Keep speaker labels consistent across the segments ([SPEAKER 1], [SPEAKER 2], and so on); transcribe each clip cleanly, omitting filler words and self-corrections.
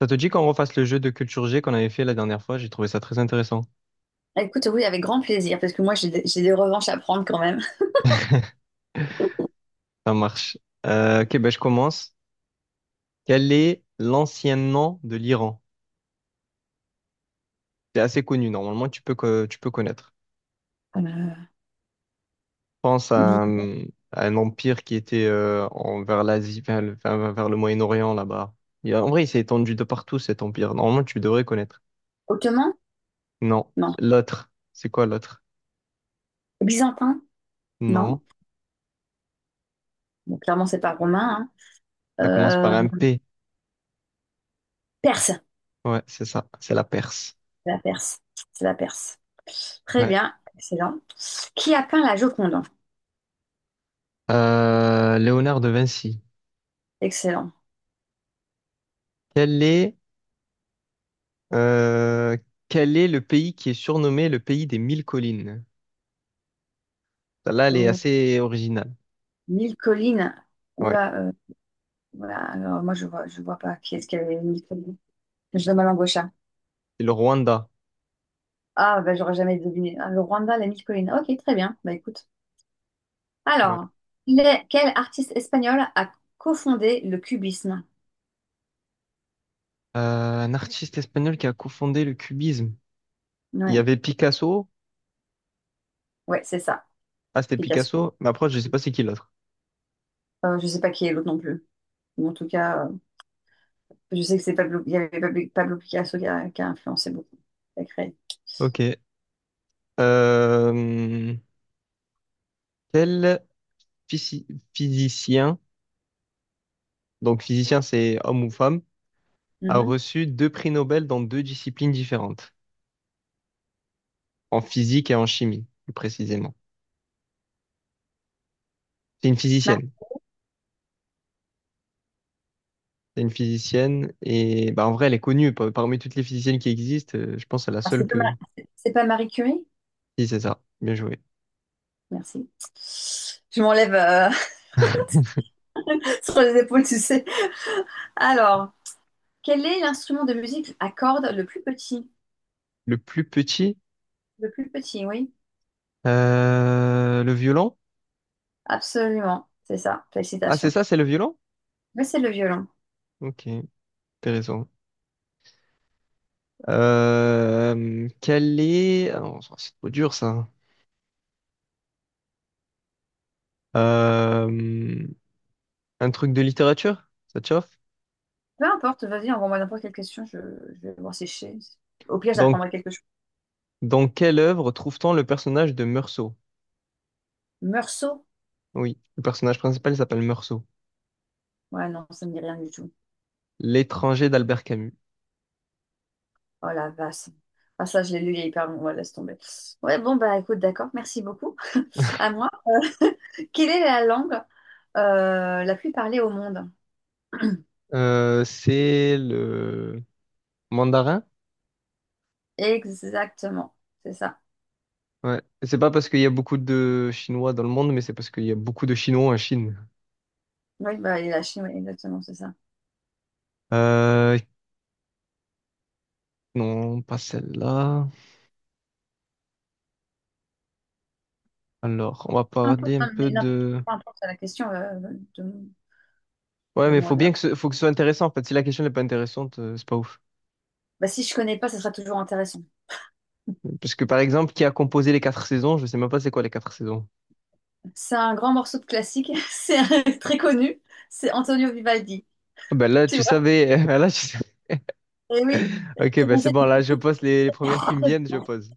[SPEAKER 1] Ça te dit qu'on refasse le jeu de culture G qu'on avait fait la dernière fois? J'ai trouvé ça très intéressant.
[SPEAKER 2] Écoute, oui, avec grand plaisir, parce que moi, j'ai des revanches à prendre quand même.
[SPEAKER 1] Ça marche. Ok, ben je commence. Quel est l'ancien nom de l'Iran? C'est assez connu, normalement, tu peux connaître.
[SPEAKER 2] Euh,
[SPEAKER 1] Pense
[SPEAKER 2] dis-
[SPEAKER 1] à un empire qui était vers l'Asie, vers le Moyen-Orient, là-bas. Et en vrai, il s'est étendu de partout, cet empire. Normalement, tu devrais connaître.
[SPEAKER 2] Ottoman?
[SPEAKER 1] Non.
[SPEAKER 2] Non.
[SPEAKER 1] L'autre. C'est quoi l'autre?
[SPEAKER 2] Byzantin? Non.
[SPEAKER 1] Non.
[SPEAKER 2] Bon, clairement, c'est pas romain,
[SPEAKER 1] Ça commence
[SPEAKER 2] hein. Euh,
[SPEAKER 1] par un P.
[SPEAKER 2] Perse.
[SPEAKER 1] Ouais, c'est ça. C'est la Perse.
[SPEAKER 2] C'est la Perse. C'est la Perse. Très
[SPEAKER 1] Ouais.
[SPEAKER 2] bien. Excellent. Qui a peint la Joconde?
[SPEAKER 1] Léonard de Vinci.
[SPEAKER 2] Excellent.
[SPEAKER 1] Quel est, euh, Quel est le pays qui est surnommé le pays des mille collines? Là, elle est
[SPEAKER 2] Hum,
[SPEAKER 1] assez originale.
[SPEAKER 2] Mille collines.
[SPEAKER 1] Ouais.
[SPEAKER 2] Oula, voilà. Alors, moi, je vois pas qui est-ce qui avait mille collines. Je donne ma langue au chat.
[SPEAKER 1] C'est le Rwanda.
[SPEAKER 2] Ah bah, j'aurais jamais deviné. Ah, le Rwanda, la mille collines. Ok, très bien. Bah, écoute.
[SPEAKER 1] Ouais.
[SPEAKER 2] Alors, quel artiste espagnol a cofondé le cubisme?
[SPEAKER 1] Un artiste espagnol qui a cofondé le cubisme. Il y
[SPEAKER 2] Ouais,
[SPEAKER 1] avait Picasso.
[SPEAKER 2] ouais, c'est ça,
[SPEAKER 1] Ah, c'était
[SPEAKER 2] Picasso.
[SPEAKER 1] Picasso. Mais après, je sais pas c'est qui l'autre.
[SPEAKER 2] Je sais pas qui est l'autre non plus. Mais en tout cas, je sais que c'est Pablo, il y avait Pablo, Pablo Picasso qui a influencé beaucoup, qui a créé.
[SPEAKER 1] Ok. Euh, quel physi- physicien, donc physicien c'est homme ou femme, a
[SPEAKER 2] Mhm.
[SPEAKER 1] reçu deux prix Nobel dans deux disciplines différentes, en physique et en chimie, plus précisément. C'est une
[SPEAKER 2] Ma-
[SPEAKER 1] physicienne. C'est une physicienne et bah en vrai elle est connue parmi toutes les physiciennes qui existent. Je pense à la
[SPEAKER 2] ah,
[SPEAKER 1] seule que.
[SPEAKER 2] C'est pas Marie Curie?
[SPEAKER 1] Si c'est ça, bien joué.
[SPEAKER 2] Merci. Je m'enlève sur les épaules, tu sais. Alors, quel est l'instrument de musique à cordes le plus petit?
[SPEAKER 1] Le plus petit,
[SPEAKER 2] Le plus petit, oui,
[SPEAKER 1] le violon.
[SPEAKER 2] absolument, c'est ça.
[SPEAKER 1] Ah c'est
[SPEAKER 2] Félicitations.
[SPEAKER 1] ça, c'est le violon?
[SPEAKER 2] Mais c'est le violon.
[SPEAKER 1] Ok, intéressant. Ah non, ça, c'est trop dur ça. Euh, un truc de littérature? Ça te chauffe?
[SPEAKER 2] Peu importe, vas-y, envoie-moi n'importe quelle question, je vais voir si je sais. Au pire,
[SPEAKER 1] Dans,
[SPEAKER 2] j'apprendrai quelque chose.
[SPEAKER 1] dans quelle œuvre trouve-t-on le personnage de Meursault?
[SPEAKER 2] Meursault?
[SPEAKER 1] Oui, le personnage principal il s'appelle Meursault.
[SPEAKER 2] Ouais, non, ça me dit rien du tout.
[SPEAKER 1] L'étranger d'Albert Camus.
[SPEAKER 2] Oh la vache. Ah, ça, je l'ai lu il y a hyper longtemps. Ouais, laisse tomber. Ouais, bon, bah écoute, d'accord, merci beaucoup. À moi. Quelle est la langue la plus parlée au monde?
[SPEAKER 1] C'est le Mandarin?
[SPEAKER 2] Exactement, c'est ça.
[SPEAKER 1] Ouais. C'est pas parce qu'il y a beaucoup de Chinois dans le monde, mais c'est parce qu'il y a beaucoup de Chinois en Chine.
[SPEAKER 2] Oui, bah, et la Chine, oui, exactement, c'est ça.
[SPEAKER 1] Euh, non, pas celle-là. Alors, on va
[SPEAKER 2] Peu importe,
[SPEAKER 1] parler un
[SPEAKER 2] non,
[SPEAKER 1] peu
[SPEAKER 2] mais non,
[SPEAKER 1] de.
[SPEAKER 2] peu importe la question de,
[SPEAKER 1] Ouais,
[SPEAKER 2] de
[SPEAKER 1] mais
[SPEAKER 2] moi.
[SPEAKER 1] faut bien que ce soit intéressant, en fait. Si la question n'est pas intéressante, c'est pas ouf.
[SPEAKER 2] Bah, si je connais pas, ça sera toujours intéressant.
[SPEAKER 1] Parce que, par exemple, qui a composé les quatre saisons? Je sais même pas c'est quoi les quatre saisons.
[SPEAKER 2] C'est un grand morceau de classique, très connu, c'est Antonio Vivaldi.
[SPEAKER 1] Ah ben là,
[SPEAKER 2] Tu
[SPEAKER 1] tu
[SPEAKER 2] vois?
[SPEAKER 1] savais. Ah, là,
[SPEAKER 2] Et oui,
[SPEAKER 1] ok,
[SPEAKER 2] ce
[SPEAKER 1] ben c'est
[SPEAKER 2] conseil
[SPEAKER 1] bon. Là, je pose les premières qui
[SPEAKER 2] est
[SPEAKER 1] me
[SPEAKER 2] très
[SPEAKER 1] viennent, je
[SPEAKER 2] bon.
[SPEAKER 1] pose.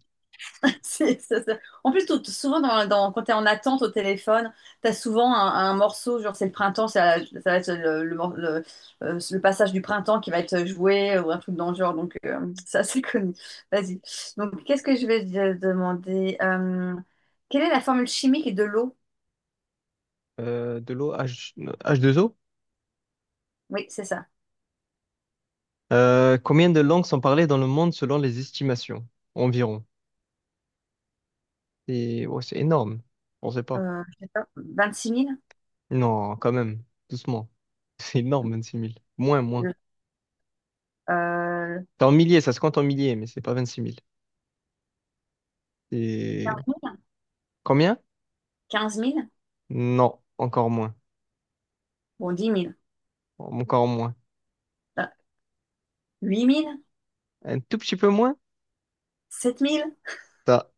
[SPEAKER 2] En plus, souvent, quand tu es en attente au téléphone, tu as souvent un morceau, genre c'est le printemps, ça va être le passage du printemps qui va être joué ou un truc dans le genre, donc ça, c'est connu. Vas-y. Donc, qu'est-ce que je vais te demander? Quelle est la formule chimique de l'eau?
[SPEAKER 1] De l'eau H2O
[SPEAKER 2] Oui, c'est ça.
[SPEAKER 1] Combien de langues sont parlées dans le monde selon les estimations? Environ. C'est ouais, c'est énorme. On sait pas.
[SPEAKER 2] Je sais pas, 26 000?
[SPEAKER 1] Non, quand même. Doucement. C'est énorme, 26 000. Moins, moins.
[SPEAKER 2] Euh,
[SPEAKER 1] C'est en milliers, ça se compte en milliers, mais c'est pas 26 000. C'est combien?
[SPEAKER 2] 15 000.
[SPEAKER 1] Non, encore moins.
[SPEAKER 2] Bon, 10 000.
[SPEAKER 1] Encore moins.
[SPEAKER 2] Euh, 8 000?
[SPEAKER 1] Un tout petit peu moins?
[SPEAKER 2] 7 000?
[SPEAKER 1] Ça.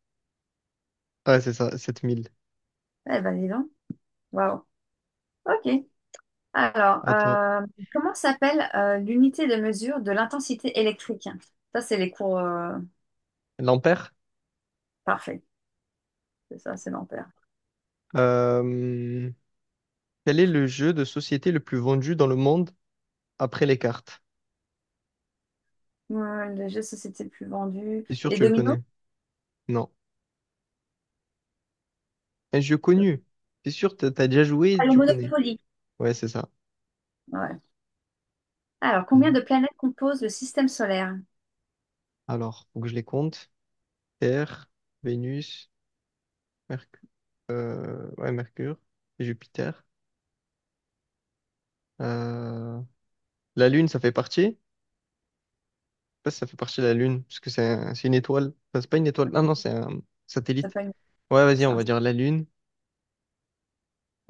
[SPEAKER 1] Ouais, c'est ça, 7 000.
[SPEAKER 2] Eh ben, dis donc. Waouh. OK. Alors,
[SPEAKER 1] À toi.
[SPEAKER 2] comment s'appelle l'unité de mesure de l'intensité électrique? Ça, c'est les cours
[SPEAKER 1] L'ampère?
[SPEAKER 2] parfaits. C'est ça, c'est l'ampère.
[SPEAKER 1] Euh, Quel est le jeu de société le plus vendu dans le monde après les cartes?
[SPEAKER 2] Ouais, le jeu de société le plus vendu.
[SPEAKER 1] C'est sûr,
[SPEAKER 2] Les
[SPEAKER 1] tu le
[SPEAKER 2] dominos?
[SPEAKER 1] connais. Non. Un jeu connu. C'est sûr, t'as déjà
[SPEAKER 2] Ah,
[SPEAKER 1] joué,
[SPEAKER 2] le
[SPEAKER 1] tu connais.
[SPEAKER 2] Monopoly.
[SPEAKER 1] Ouais, c'est ça.
[SPEAKER 2] Ouais. Alors, combien
[SPEAKER 1] Mm.
[SPEAKER 2] de planètes composent le système solaire?
[SPEAKER 1] Alors, faut que je les compte. Terre, Vénus, Mercure, ouais, et Jupiter. Euh, La Lune, ça fait partie. Je sais pas si ça fait partie de la Lune, parce que c'est c'est une étoile. Enfin, c'est pas une étoile. Non, non, c'est un
[SPEAKER 2] Ça
[SPEAKER 1] satellite.
[SPEAKER 2] peut être-
[SPEAKER 1] Ouais, vas-y, on
[SPEAKER 2] ça-
[SPEAKER 1] va dire la Lune.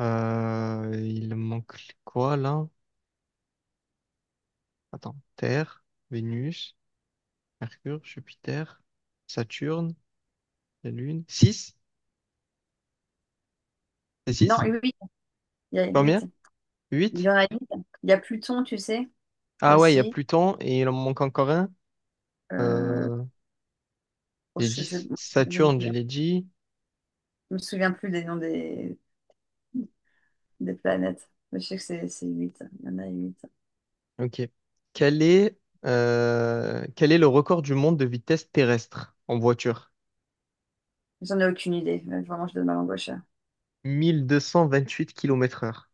[SPEAKER 1] Il manque quoi là? Attends. Terre, Vénus, Mercure, Jupiter, Saturne, la Lune. Six. C'est
[SPEAKER 2] Non,
[SPEAKER 1] six.
[SPEAKER 2] huit. Il y a huit.
[SPEAKER 1] Combien?
[SPEAKER 2] Il y
[SPEAKER 1] 8.
[SPEAKER 2] en a huit. Il y a Pluton, tu sais,
[SPEAKER 1] Ah ouais, il y a
[SPEAKER 2] aussi.
[SPEAKER 1] Pluton et il en manque encore un.
[SPEAKER 2] Euh,
[SPEAKER 1] Euh, j'ai dit
[SPEAKER 2] je sais-
[SPEAKER 1] Saturne, je l'ai dit.
[SPEAKER 2] Je me souviens plus des noms des planètes. Mais je sais que c'est 8. Il y en a huit.
[SPEAKER 1] Ok. Quel est, Quel est le record du monde de vitesse terrestre en voiture?
[SPEAKER 2] J'en ai aucune idée. Mais vraiment, je donne ma langue au chat.
[SPEAKER 1] 1228 km heure.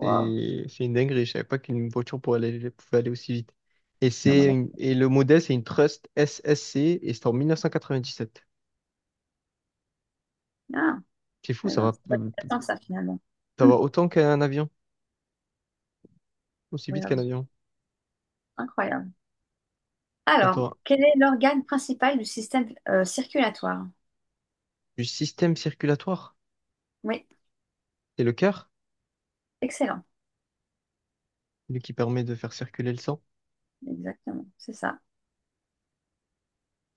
[SPEAKER 2] Waouh.
[SPEAKER 1] C'est une dinguerie, je savais pas qu'une voiture pouvait aller aussi vite. Et,
[SPEAKER 2] Il y a mon
[SPEAKER 1] c'est
[SPEAKER 2] nom.
[SPEAKER 1] et le modèle, c'est une Trust SSC et c'est en 1997.
[SPEAKER 2] Ah,
[SPEAKER 1] C'est fou,
[SPEAKER 2] eh ben, c'est pas si intéressant que ça finalement.
[SPEAKER 1] ça va
[SPEAKER 2] Hum,
[SPEAKER 1] autant qu'un avion, aussi vite qu'un
[SPEAKER 2] incroyable.
[SPEAKER 1] avion.
[SPEAKER 2] Incroyable. Alors,
[SPEAKER 1] Attends,
[SPEAKER 2] quel est l'organe principal du système circulatoire?
[SPEAKER 1] du système circulatoire,
[SPEAKER 2] Oui,
[SPEAKER 1] c'est le cœur?
[SPEAKER 2] excellent.
[SPEAKER 1] Celui qui permet de faire circuler le sang.
[SPEAKER 2] Exactement, c'est ça.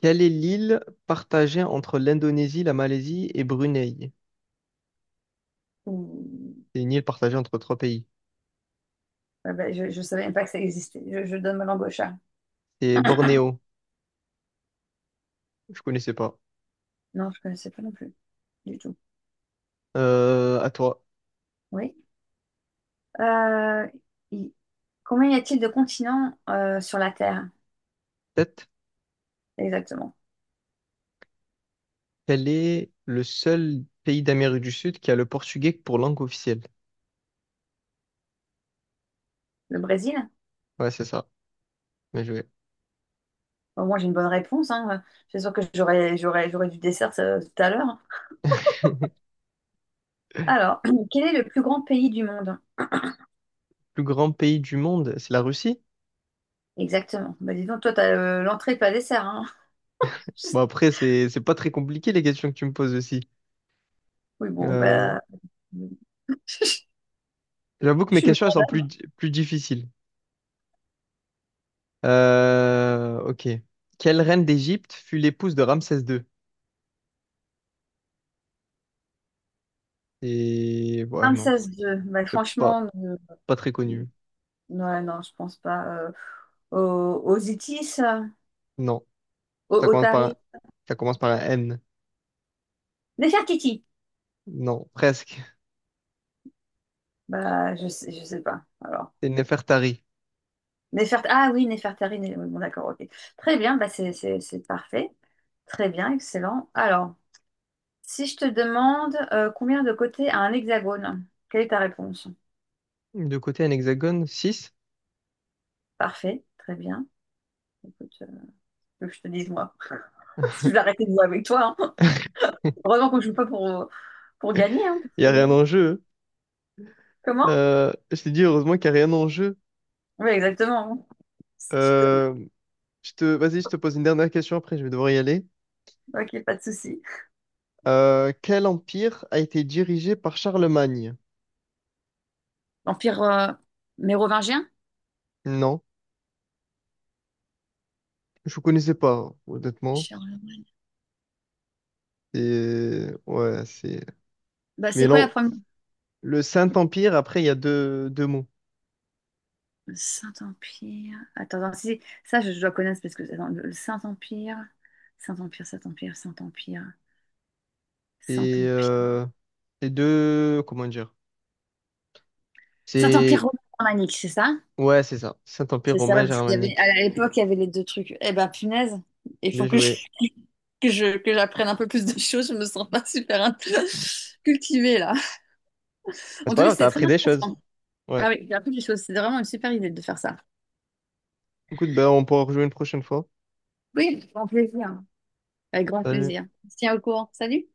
[SPEAKER 1] Quelle est l'île partagée entre l'Indonésie, la Malaisie et Brunei?
[SPEAKER 2] Ouh.
[SPEAKER 1] C'est une île partagée entre trois pays.
[SPEAKER 2] Ah ben, je ne savais même pas que ça existait. Je donne ma langue au chat.
[SPEAKER 1] C'est Bornéo. Je connaissais pas.
[SPEAKER 2] Non, je ne connaissais pas non plus, du tout.
[SPEAKER 1] À toi.
[SPEAKER 2] Oui. Euh, il- Combien y a-t-il de continents sur la Terre?
[SPEAKER 1] Tête.
[SPEAKER 2] Exactement.
[SPEAKER 1] Quel est le seul pays d'Amérique du Sud qui a le portugais pour langue officielle?
[SPEAKER 2] Le Brésil?
[SPEAKER 1] Ouais, c'est ça. Bien joué.
[SPEAKER 2] Au moins, j'ai une bonne réponse, hein. Je suis sûre que j'aurais du dessert ça, tout à l'heure. Alors, quel est le plus grand pays du monde?
[SPEAKER 1] Plus grand pays du monde, c'est la Russie?
[SPEAKER 2] Exactement. Bah, dis donc, toi, t'as l'entrée, pas le dessert, hein.
[SPEAKER 1] Bon, après, c'est pas très compliqué les questions que tu me poses aussi.
[SPEAKER 2] Oui, bon,
[SPEAKER 1] Euh,
[SPEAKER 2] bah, je
[SPEAKER 1] J'avoue que mes
[SPEAKER 2] suis une
[SPEAKER 1] questions, elles sont plus, plus difficiles. Ok. Quelle reine d'Égypte fut l'épouse de Ramsès II? Et ouais,
[SPEAKER 2] grande
[SPEAKER 1] non,
[SPEAKER 2] 26-2. Bah,
[SPEAKER 1] c'est pas,
[SPEAKER 2] franchement,
[SPEAKER 1] pas très connu.
[SPEAKER 2] ouais, non, je pense pas. Aux Itis,
[SPEAKER 1] Non, ça
[SPEAKER 2] aux
[SPEAKER 1] commence par
[SPEAKER 2] Tari.
[SPEAKER 1] un, ça commence par un N.
[SPEAKER 2] Nefertiti.
[SPEAKER 1] Non, presque.
[SPEAKER 2] Bah, je sais pas. Alors.
[SPEAKER 1] C'est Nefertari.
[SPEAKER 2] Ah oui, Néfertari, oui, bon d'accord, ok. Très bien, bah c'est parfait. Très bien, excellent. Alors, si je te demande combien de côtés a un hexagone, quelle est ta réponse?
[SPEAKER 1] De côté, un hexagone, six.
[SPEAKER 2] Parfait, très bien. Écoute, que je te dise moi. Si je vais arrêter de jouer avec toi, hein. Heureusement qu'on ne joue pas pour gagner, hein, parce
[SPEAKER 1] Il y a rien
[SPEAKER 2] que...
[SPEAKER 1] en jeu. Hein.
[SPEAKER 2] Comment?
[SPEAKER 1] Je t'ai dit, heureusement qu'il y a rien en jeu.
[SPEAKER 2] Oui, exactement, hein.
[SPEAKER 1] Euh, Vas-y, je te pose une dernière question après, je vais devoir y aller.
[SPEAKER 2] Ok, pas de souci.
[SPEAKER 1] Quel empire a été dirigé par Charlemagne?
[SPEAKER 2] L'Empire mérovingien?
[SPEAKER 1] Non, je ne connaissais pas, honnêtement.
[SPEAKER 2] Charles-
[SPEAKER 1] Et ouais, c'est.
[SPEAKER 2] Bah, c'est
[SPEAKER 1] Mais
[SPEAKER 2] quoi la
[SPEAKER 1] non,
[SPEAKER 2] première?
[SPEAKER 1] le Saint-Empire, après, il y a deux mots.
[SPEAKER 2] Le Saint-Empire. Attends, attends, si, si, ça, je dois connaître parce que attends, le Saint-Empire. Saint-Empire, Saint-Empire, Saint-Empire,
[SPEAKER 1] Et
[SPEAKER 2] Saint-Empire.
[SPEAKER 1] les deux. Comment dire?
[SPEAKER 2] Saint-Empire
[SPEAKER 1] C'est.
[SPEAKER 2] romain-germanique, c'est ça?
[SPEAKER 1] Ouais, c'est ça. Saint-Empire
[SPEAKER 2] C'est ça, ouais,
[SPEAKER 1] romain
[SPEAKER 2] parce qu'il y avait,
[SPEAKER 1] germanique.
[SPEAKER 2] à l'époque, il y avait les deux trucs. Eh ben, punaise, il
[SPEAKER 1] Bien
[SPEAKER 2] faut
[SPEAKER 1] joué.
[SPEAKER 2] que j'apprenne un peu plus de choses. Je me sens pas super
[SPEAKER 1] Bah,
[SPEAKER 2] cultivée, là.
[SPEAKER 1] c'est
[SPEAKER 2] En
[SPEAKER 1] pas
[SPEAKER 2] tout cas,
[SPEAKER 1] grave, t'as
[SPEAKER 2] c'était très
[SPEAKER 1] appris des choses.
[SPEAKER 2] intéressant.
[SPEAKER 1] Ouais.
[SPEAKER 2] Ah oui, j'ai appris des choses. C'était vraiment une super idée de faire ça.
[SPEAKER 1] Écoute, ben, on pourra rejouer une prochaine fois.
[SPEAKER 2] Oui, avec grand plaisir. Avec grand
[SPEAKER 1] Salut.
[SPEAKER 2] plaisir. Tiens au courant. Salut!